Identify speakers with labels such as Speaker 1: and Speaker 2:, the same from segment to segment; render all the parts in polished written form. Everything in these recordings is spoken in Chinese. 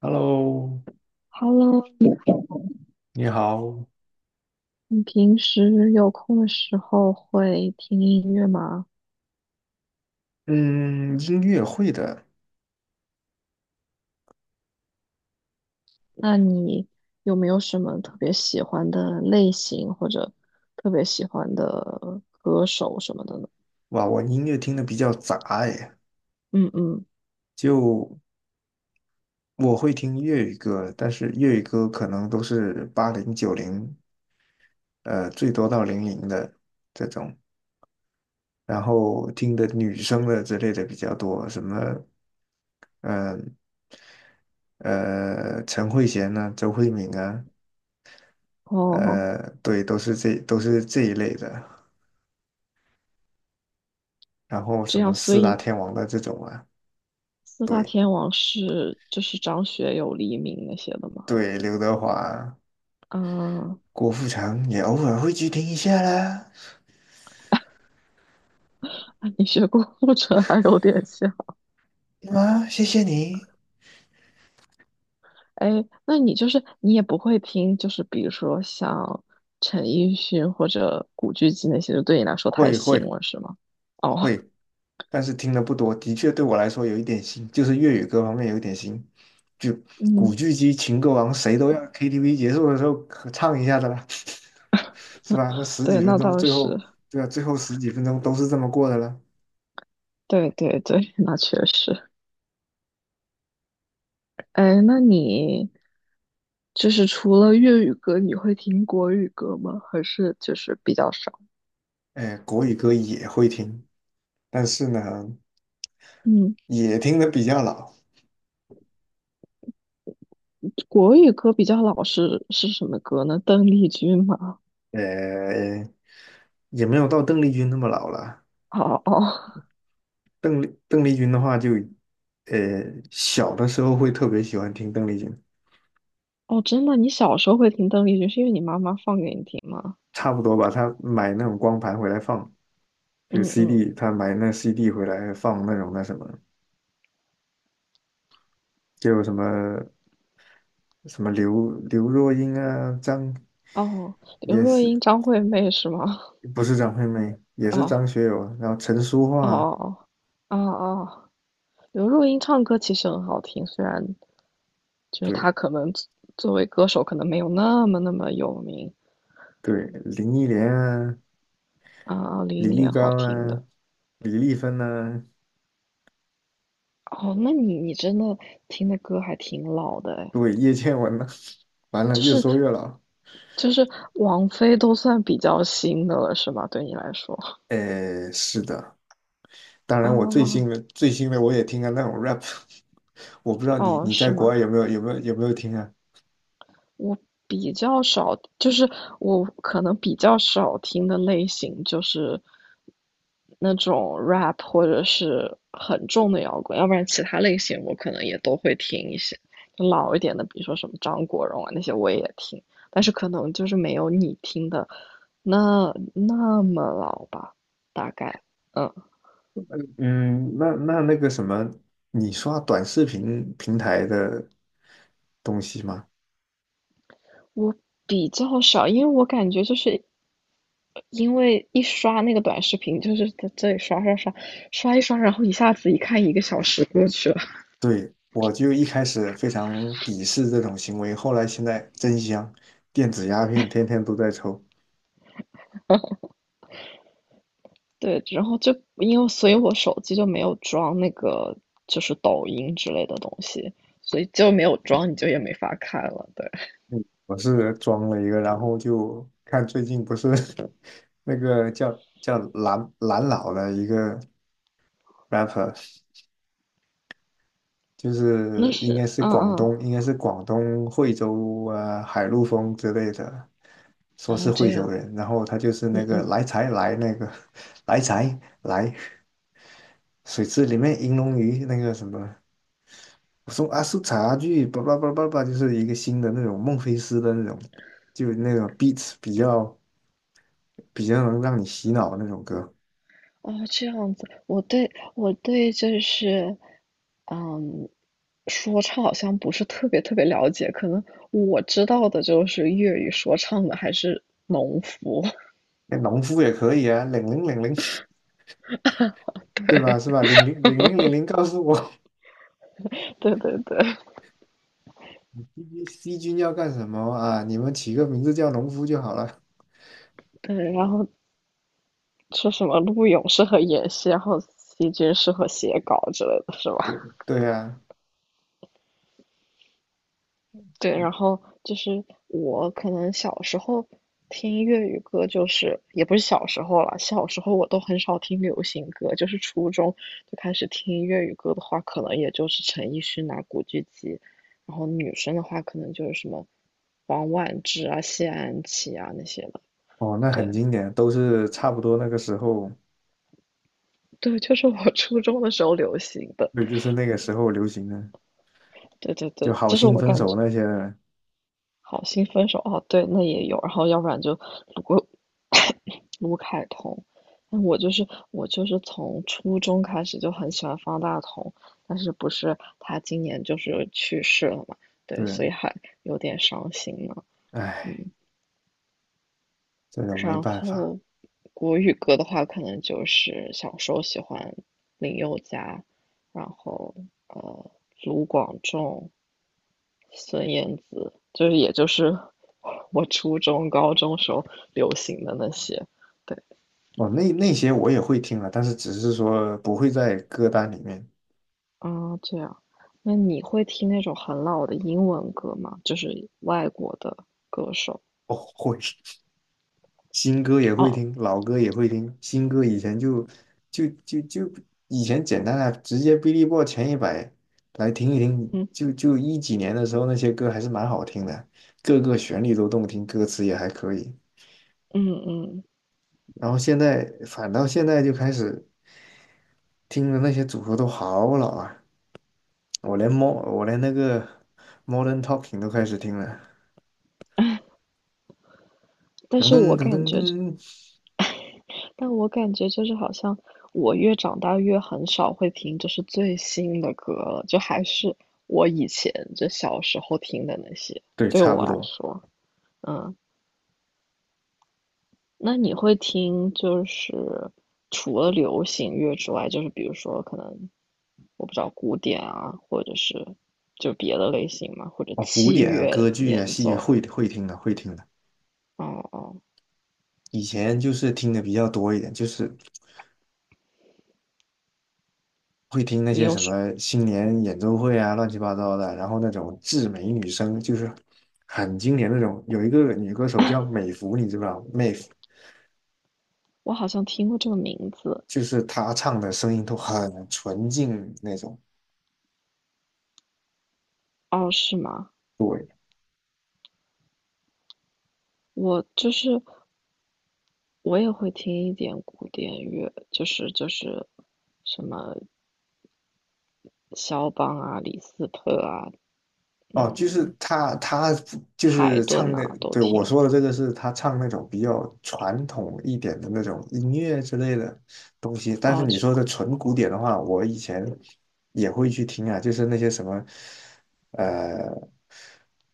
Speaker 1: Hello，
Speaker 2: Hello，
Speaker 1: 你好。
Speaker 2: 你平时有空的时候会听音乐吗？
Speaker 1: 嗯，音乐会的。
Speaker 2: 那你有没有什么特别喜欢的类型或者特别喜欢的歌手什么的呢？
Speaker 1: 哇，我音乐听的比较杂哎。
Speaker 2: 嗯嗯，
Speaker 1: 就我会听粤语歌，但是粤语歌可能都是八零九零，最多到零零的这种。然后听的女生的之类的比较多，什么，嗯陈慧娴呐、周慧敏啊。
Speaker 2: 哦，
Speaker 1: 呃，对，都是这一类的。然后
Speaker 2: 这
Speaker 1: 什
Speaker 2: 样，
Speaker 1: 么
Speaker 2: 所
Speaker 1: 四大
Speaker 2: 以
Speaker 1: 天王的这种啊。
Speaker 2: 四大
Speaker 1: 对。
Speaker 2: 天王是就是张学友、黎明那些的吗？
Speaker 1: 对，刘德华、
Speaker 2: 嗯，
Speaker 1: 郭富城也偶尔会去听一下啦。
Speaker 2: 那你学过 《复仇还有点像。
Speaker 1: 啊，谢谢你。
Speaker 2: 哎，那你就是你也不会听，就是比如说像陈奕迅或者古巨基那些，就对你来说太
Speaker 1: 会
Speaker 2: 新
Speaker 1: 会
Speaker 2: 了，是吗？哦，
Speaker 1: 会，但是听的不多，的确对我来说有一点新，就是粤语歌方面有一点新。就 古
Speaker 2: 嗯，
Speaker 1: 巨基、情歌王，谁都要 KTV 结束的时候可唱一下的啦，是吧？那十几
Speaker 2: 对，
Speaker 1: 分
Speaker 2: 那
Speaker 1: 钟，
Speaker 2: 倒
Speaker 1: 最
Speaker 2: 是，
Speaker 1: 后对啊，最后十几分钟都是这么过的啦。
Speaker 2: 对对对，那确实。哎，那你就是除了粤语歌，你会听国语歌吗？还是就是比较少？
Speaker 1: 哎，国语歌也会听，但是呢，
Speaker 2: 嗯，
Speaker 1: 也听的比较老。
Speaker 2: 国语歌比较老是什么歌呢？邓丽君吗？
Speaker 1: 呃，也没有到邓丽君那么老了。
Speaker 2: 哦哦
Speaker 1: 邓丽君的话就，呃，小的时候会特别喜欢听邓丽君。
Speaker 2: 哦，真的，你小时候会听邓丽君，是因为你妈妈放给你听吗？
Speaker 1: 差不多吧。她买那种光盘回来放，就是
Speaker 2: 嗯嗯。
Speaker 1: CD，她买那 CD 回来放那种那什么，就有什么什么刘若英啊，张
Speaker 2: 哦，刘
Speaker 1: 也
Speaker 2: 若英、
Speaker 1: 是
Speaker 2: 张惠妹是吗？
Speaker 1: 不是张惠妹，也 是
Speaker 2: 哦
Speaker 1: 张学友啊，然后陈淑桦
Speaker 2: 哦
Speaker 1: 啊
Speaker 2: 哦哦哦哦，刘若英唱歌其实很好听，虽然就是
Speaker 1: 对
Speaker 2: 她可能作为歌手可能没有那么那么有名
Speaker 1: 对，林忆莲啊，
Speaker 2: 啊，二零忆
Speaker 1: 李玉
Speaker 2: 莲好
Speaker 1: 刚
Speaker 2: 听
Speaker 1: 啊，
Speaker 2: 的。
Speaker 1: 李丽芬啊，
Speaker 2: 哦，那你真的听的歌还挺老的哎，
Speaker 1: 对，叶倩文啊。完了，
Speaker 2: 就
Speaker 1: 越
Speaker 2: 是
Speaker 1: 说越老。
Speaker 2: 就是王菲都算比较新的了是吗？对你来说
Speaker 1: 呃，是的。当然，我最
Speaker 2: 啊，
Speaker 1: 新的最新的我也听啊，那种 rap。我不知道你
Speaker 2: 哦
Speaker 1: 你在
Speaker 2: 是
Speaker 1: 国
Speaker 2: 吗？
Speaker 1: 外有没有听啊？
Speaker 2: 我比较少，就是我可能比较少听的类型就是那种 rap 或者是很重的摇滚，要不然其他类型我可能也都会听一些，就老一点的，比如说什么张国荣啊那些我也听，但是可能就是没有你听的那么老吧，大概，嗯。
Speaker 1: 嗯，那那那个什么，你刷短视频平台的东西吗？
Speaker 2: 我比较少，因为我感觉就是因为一刷那个短视频，就是在这里刷刷刷刷一刷，然后一下子一看一个小时过去了。
Speaker 1: 对，我就一开始非常鄙视这种行为，后来现在真香，电子鸦片天天都在抽。
Speaker 2: 对，然后就因为所以我手机就没有装那个就是抖音之类的东西，所以就没有装，你就也没法看了。对，
Speaker 1: 我是装了一个，然后就看最近不是 那个叫蓝蓝老的一个 rapper。就
Speaker 2: 那
Speaker 1: 是应
Speaker 2: 是
Speaker 1: 该是
Speaker 2: 嗯
Speaker 1: 广
Speaker 2: 嗯，
Speaker 1: 东，应该是广东惠州啊、海陆丰之类的，说
Speaker 2: 哦
Speaker 1: 是
Speaker 2: 这
Speaker 1: 惠州
Speaker 2: 样，
Speaker 1: 人。然后他就是那
Speaker 2: 嗯
Speaker 1: 个
Speaker 2: 嗯。
Speaker 1: 来财来那个 来财来水池里面银龙鱼那个什么，我说阿叔茶具，叭叭叭叭叭，就是一个新的那种孟菲斯的那种。就那种 beats 比较能让你洗脑的那种歌。
Speaker 2: 哦，这样子，我对就是，嗯，说唱好像不是特别特别了解，可能我知道的就是粤语说唱的还是农夫，
Speaker 1: 那农夫也可以啊，零零零零，对吧？是吧？零零零零零零告诉我。
Speaker 2: 对对对
Speaker 1: C 军 C 军要干什么啊？你们起个名字叫农夫就好了。
Speaker 2: 对，然后说什么陆勇适合演戏，然后席军适合写稿之类的，是
Speaker 1: 对
Speaker 2: 吧？
Speaker 1: 对啊。
Speaker 2: 对，然后就是我可能小时候听粤语歌，就是也不是小时候了，小时候我都很少听流行歌，就是初中就开始听粤语歌的话，可能也就是陈奕迅啊、古巨基，然后女生的话可能就是什么王菀之啊、谢安琪啊那些的。
Speaker 1: 哦，那很
Speaker 2: 对
Speaker 1: 经典，都是差不多那个时候。
Speaker 2: 对，就是我初中的时候流行的。
Speaker 1: 对，就是那个时候流行的，
Speaker 2: 对对
Speaker 1: 就
Speaker 2: 对，
Speaker 1: 好
Speaker 2: 这是
Speaker 1: 心
Speaker 2: 我
Speaker 1: 分
Speaker 2: 感
Speaker 1: 手
Speaker 2: 觉。
Speaker 1: 那些的。
Speaker 2: 好心分手哦，对，那也有，然后要不然就卢 卢凯彤 那我就是从初中开始就很喜欢方大同，但是不是他今年就是去世了嘛，对，
Speaker 1: 对。
Speaker 2: 所以还有点伤心呢，
Speaker 1: 唉，
Speaker 2: 嗯，
Speaker 1: 这种没
Speaker 2: 然
Speaker 1: 办法。
Speaker 2: 后国语歌的话，可能就是小时候喜欢林宥嘉，然后呃卢广仲，孙燕姿，就是也就是 我初中、高中时候流行的那些。对，
Speaker 1: 哦，那那些我也会听了，但是只是说不会在歌单里面。
Speaker 2: 啊，这样。那你会听那种很老的英文歌吗？就是外国的歌手。
Speaker 1: 哦，会。新歌也会
Speaker 2: 哦，
Speaker 1: 听，老歌也会听。新歌以前就以前简单啊，直接 Billboard 前一百来听一听。
Speaker 2: 嗯
Speaker 1: 就就一几年的时候，那些歌还是蛮好听的，各个旋律都动听，歌词也还可以。
Speaker 2: 嗯嗯。
Speaker 1: 然后现在就开始听的那些组合都好老啊。我连那个 Modern Talking 都开始听了，
Speaker 2: 但
Speaker 1: 噔
Speaker 2: 是
Speaker 1: 噔
Speaker 2: 我
Speaker 1: 噔
Speaker 2: 感
Speaker 1: 噔
Speaker 2: 觉，
Speaker 1: 噔。
Speaker 2: 但我感觉就是好像我越长大越很少会听就是最新的歌了，就还是我以前就小时候听的那些，
Speaker 1: 对，
Speaker 2: 对
Speaker 1: 差不
Speaker 2: 我来
Speaker 1: 多。
Speaker 2: 说，嗯。那你会听就是除了流行乐之外，就是比如说可能我不知道古典啊，或者是就别的类型嘛，或者
Speaker 1: 哦，古
Speaker 2: 器
Speaker 1: 典啊，
Speaker 2: 乐
Speaker 1: 歌剧啊，
Speaker 2: 演
Speaker 1: 戏剧
Speaker 2: 奏。
Speaker 1: 会听的，会听的。
Speaker 2: 哦哦，
Speaker 1: 以前就是听的比较多一点，就是会听那
Speaker 2: 你
Speaker 1: 些
Speaker 2: 有
Speaker 1: 什
Speaker 2: 是，
Speaker 1: 么新年演奏会啊，乱七八糟的，然后那种至美女声，就是很经典那种。有一个女歌手叫美芙，你知不知道？美孚
Speaker 2: 我好像听过这个名字。
Speaker 1: 就是她唱的声音都很纯净那种。
Speaker 2: 哦，是吗？
Speaker 1: 对。
Speaker 2: 我就是我也会听一点古典乐，就是什么肖邦啊、李斯特啊、
Speaker 1: 哦，就是他，他就
Speaker 2: 海
Speaker 1: 是唱
Speaker 2: 顿
Speaker 1: 那，
Speaker 2: 啊都
Speaker 1: 对，我
Speaker 2: 听。
Speaker 1: 说的这个是他唱那种比较传统一点的那种音乐之类的东西。但是
Speaker 2: 哦，
Speaker 1: 你
Speaker 2: 就
Speaker 1: 说的纯古典的话，我以前也会去听啊，就是那些什么，呃，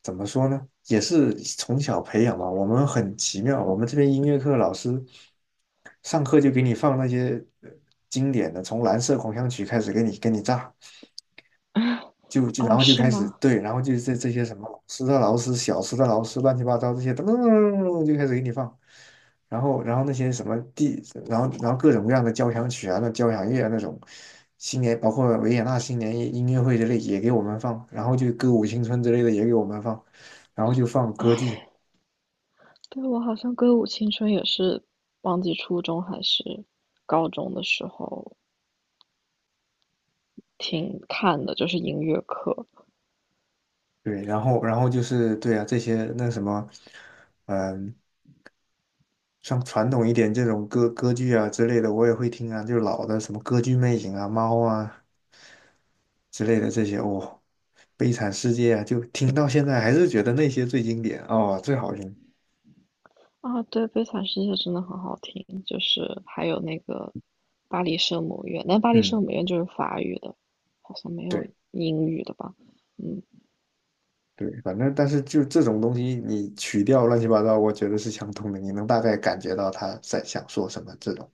Speaker 1: 怎么说呢，也是从小培养嘛。我们很奇妙，我们这边音乐课老师上课就给你放那些经典的，从《蓝色狂想曲》开始给你炸。就就然
Speaker 2: 哦
Speaker 1: 后就
Speaker 2: 是
Speaker 1: 开始
Speaker 2: 吗？
Speaker 1: 对，然后就是这些什么老师的老师、小时的老师、乱七八糟这些，噔噔噔噔噔就开始给你放。然后那些什么地，然后各种各样的交响曲啊、那交响乐啊那种。新年包括维也纳新年音乐会之类也给我们放，然后就歌舞青春之类的也给我们放，然后就放歌剧。
Speaker 2: 对，我好像歌舞青春也是忘记初中还是高中的时候听看的，就是音乐课
Speaker 1: 对，然后就是对啊这些那什么。嗯。像传统一点这种歌剧啊之类的，我也会听啊，就是老的什么歌剧魅影啊、猫啊，之类的这些。哦，《悲惨世界》啊，就听到现在还是觉得那些最经典哦，最好听。
Speaker 2: 啊。对，《悲惨世界》真的很好听，就是还有那个《巴黎圣母院》，但《巴黎
Speaker 1: 嗯，
Speaker 2: 圣母院》就是法语的，好像没有
Speaker 1: 对
Speaker 2: 英语的吧？嗯
Speaker 1: 对，反正但是就这种东西，你曲调乱七八糟，我觉得是相通的，你能大概感觉到他在想说什么，这种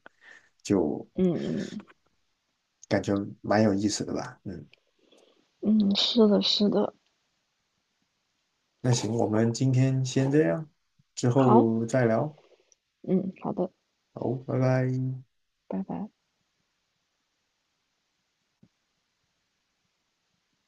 Speaker 1: 就
Speaker 2: 嗯
Speaker 1: 感觉蛮有意思的吧。嗯，
Speaker 2: 嗯嗯，是的，是的，
Speaker 1: 那行，我们今天先这样，之
Speaker 2: 好，
Speaker 1: 后再聊。
Speaker 2: 嗯，好的，
Speaker 1: 好，拜拜。
Speaker 2: 拜拜。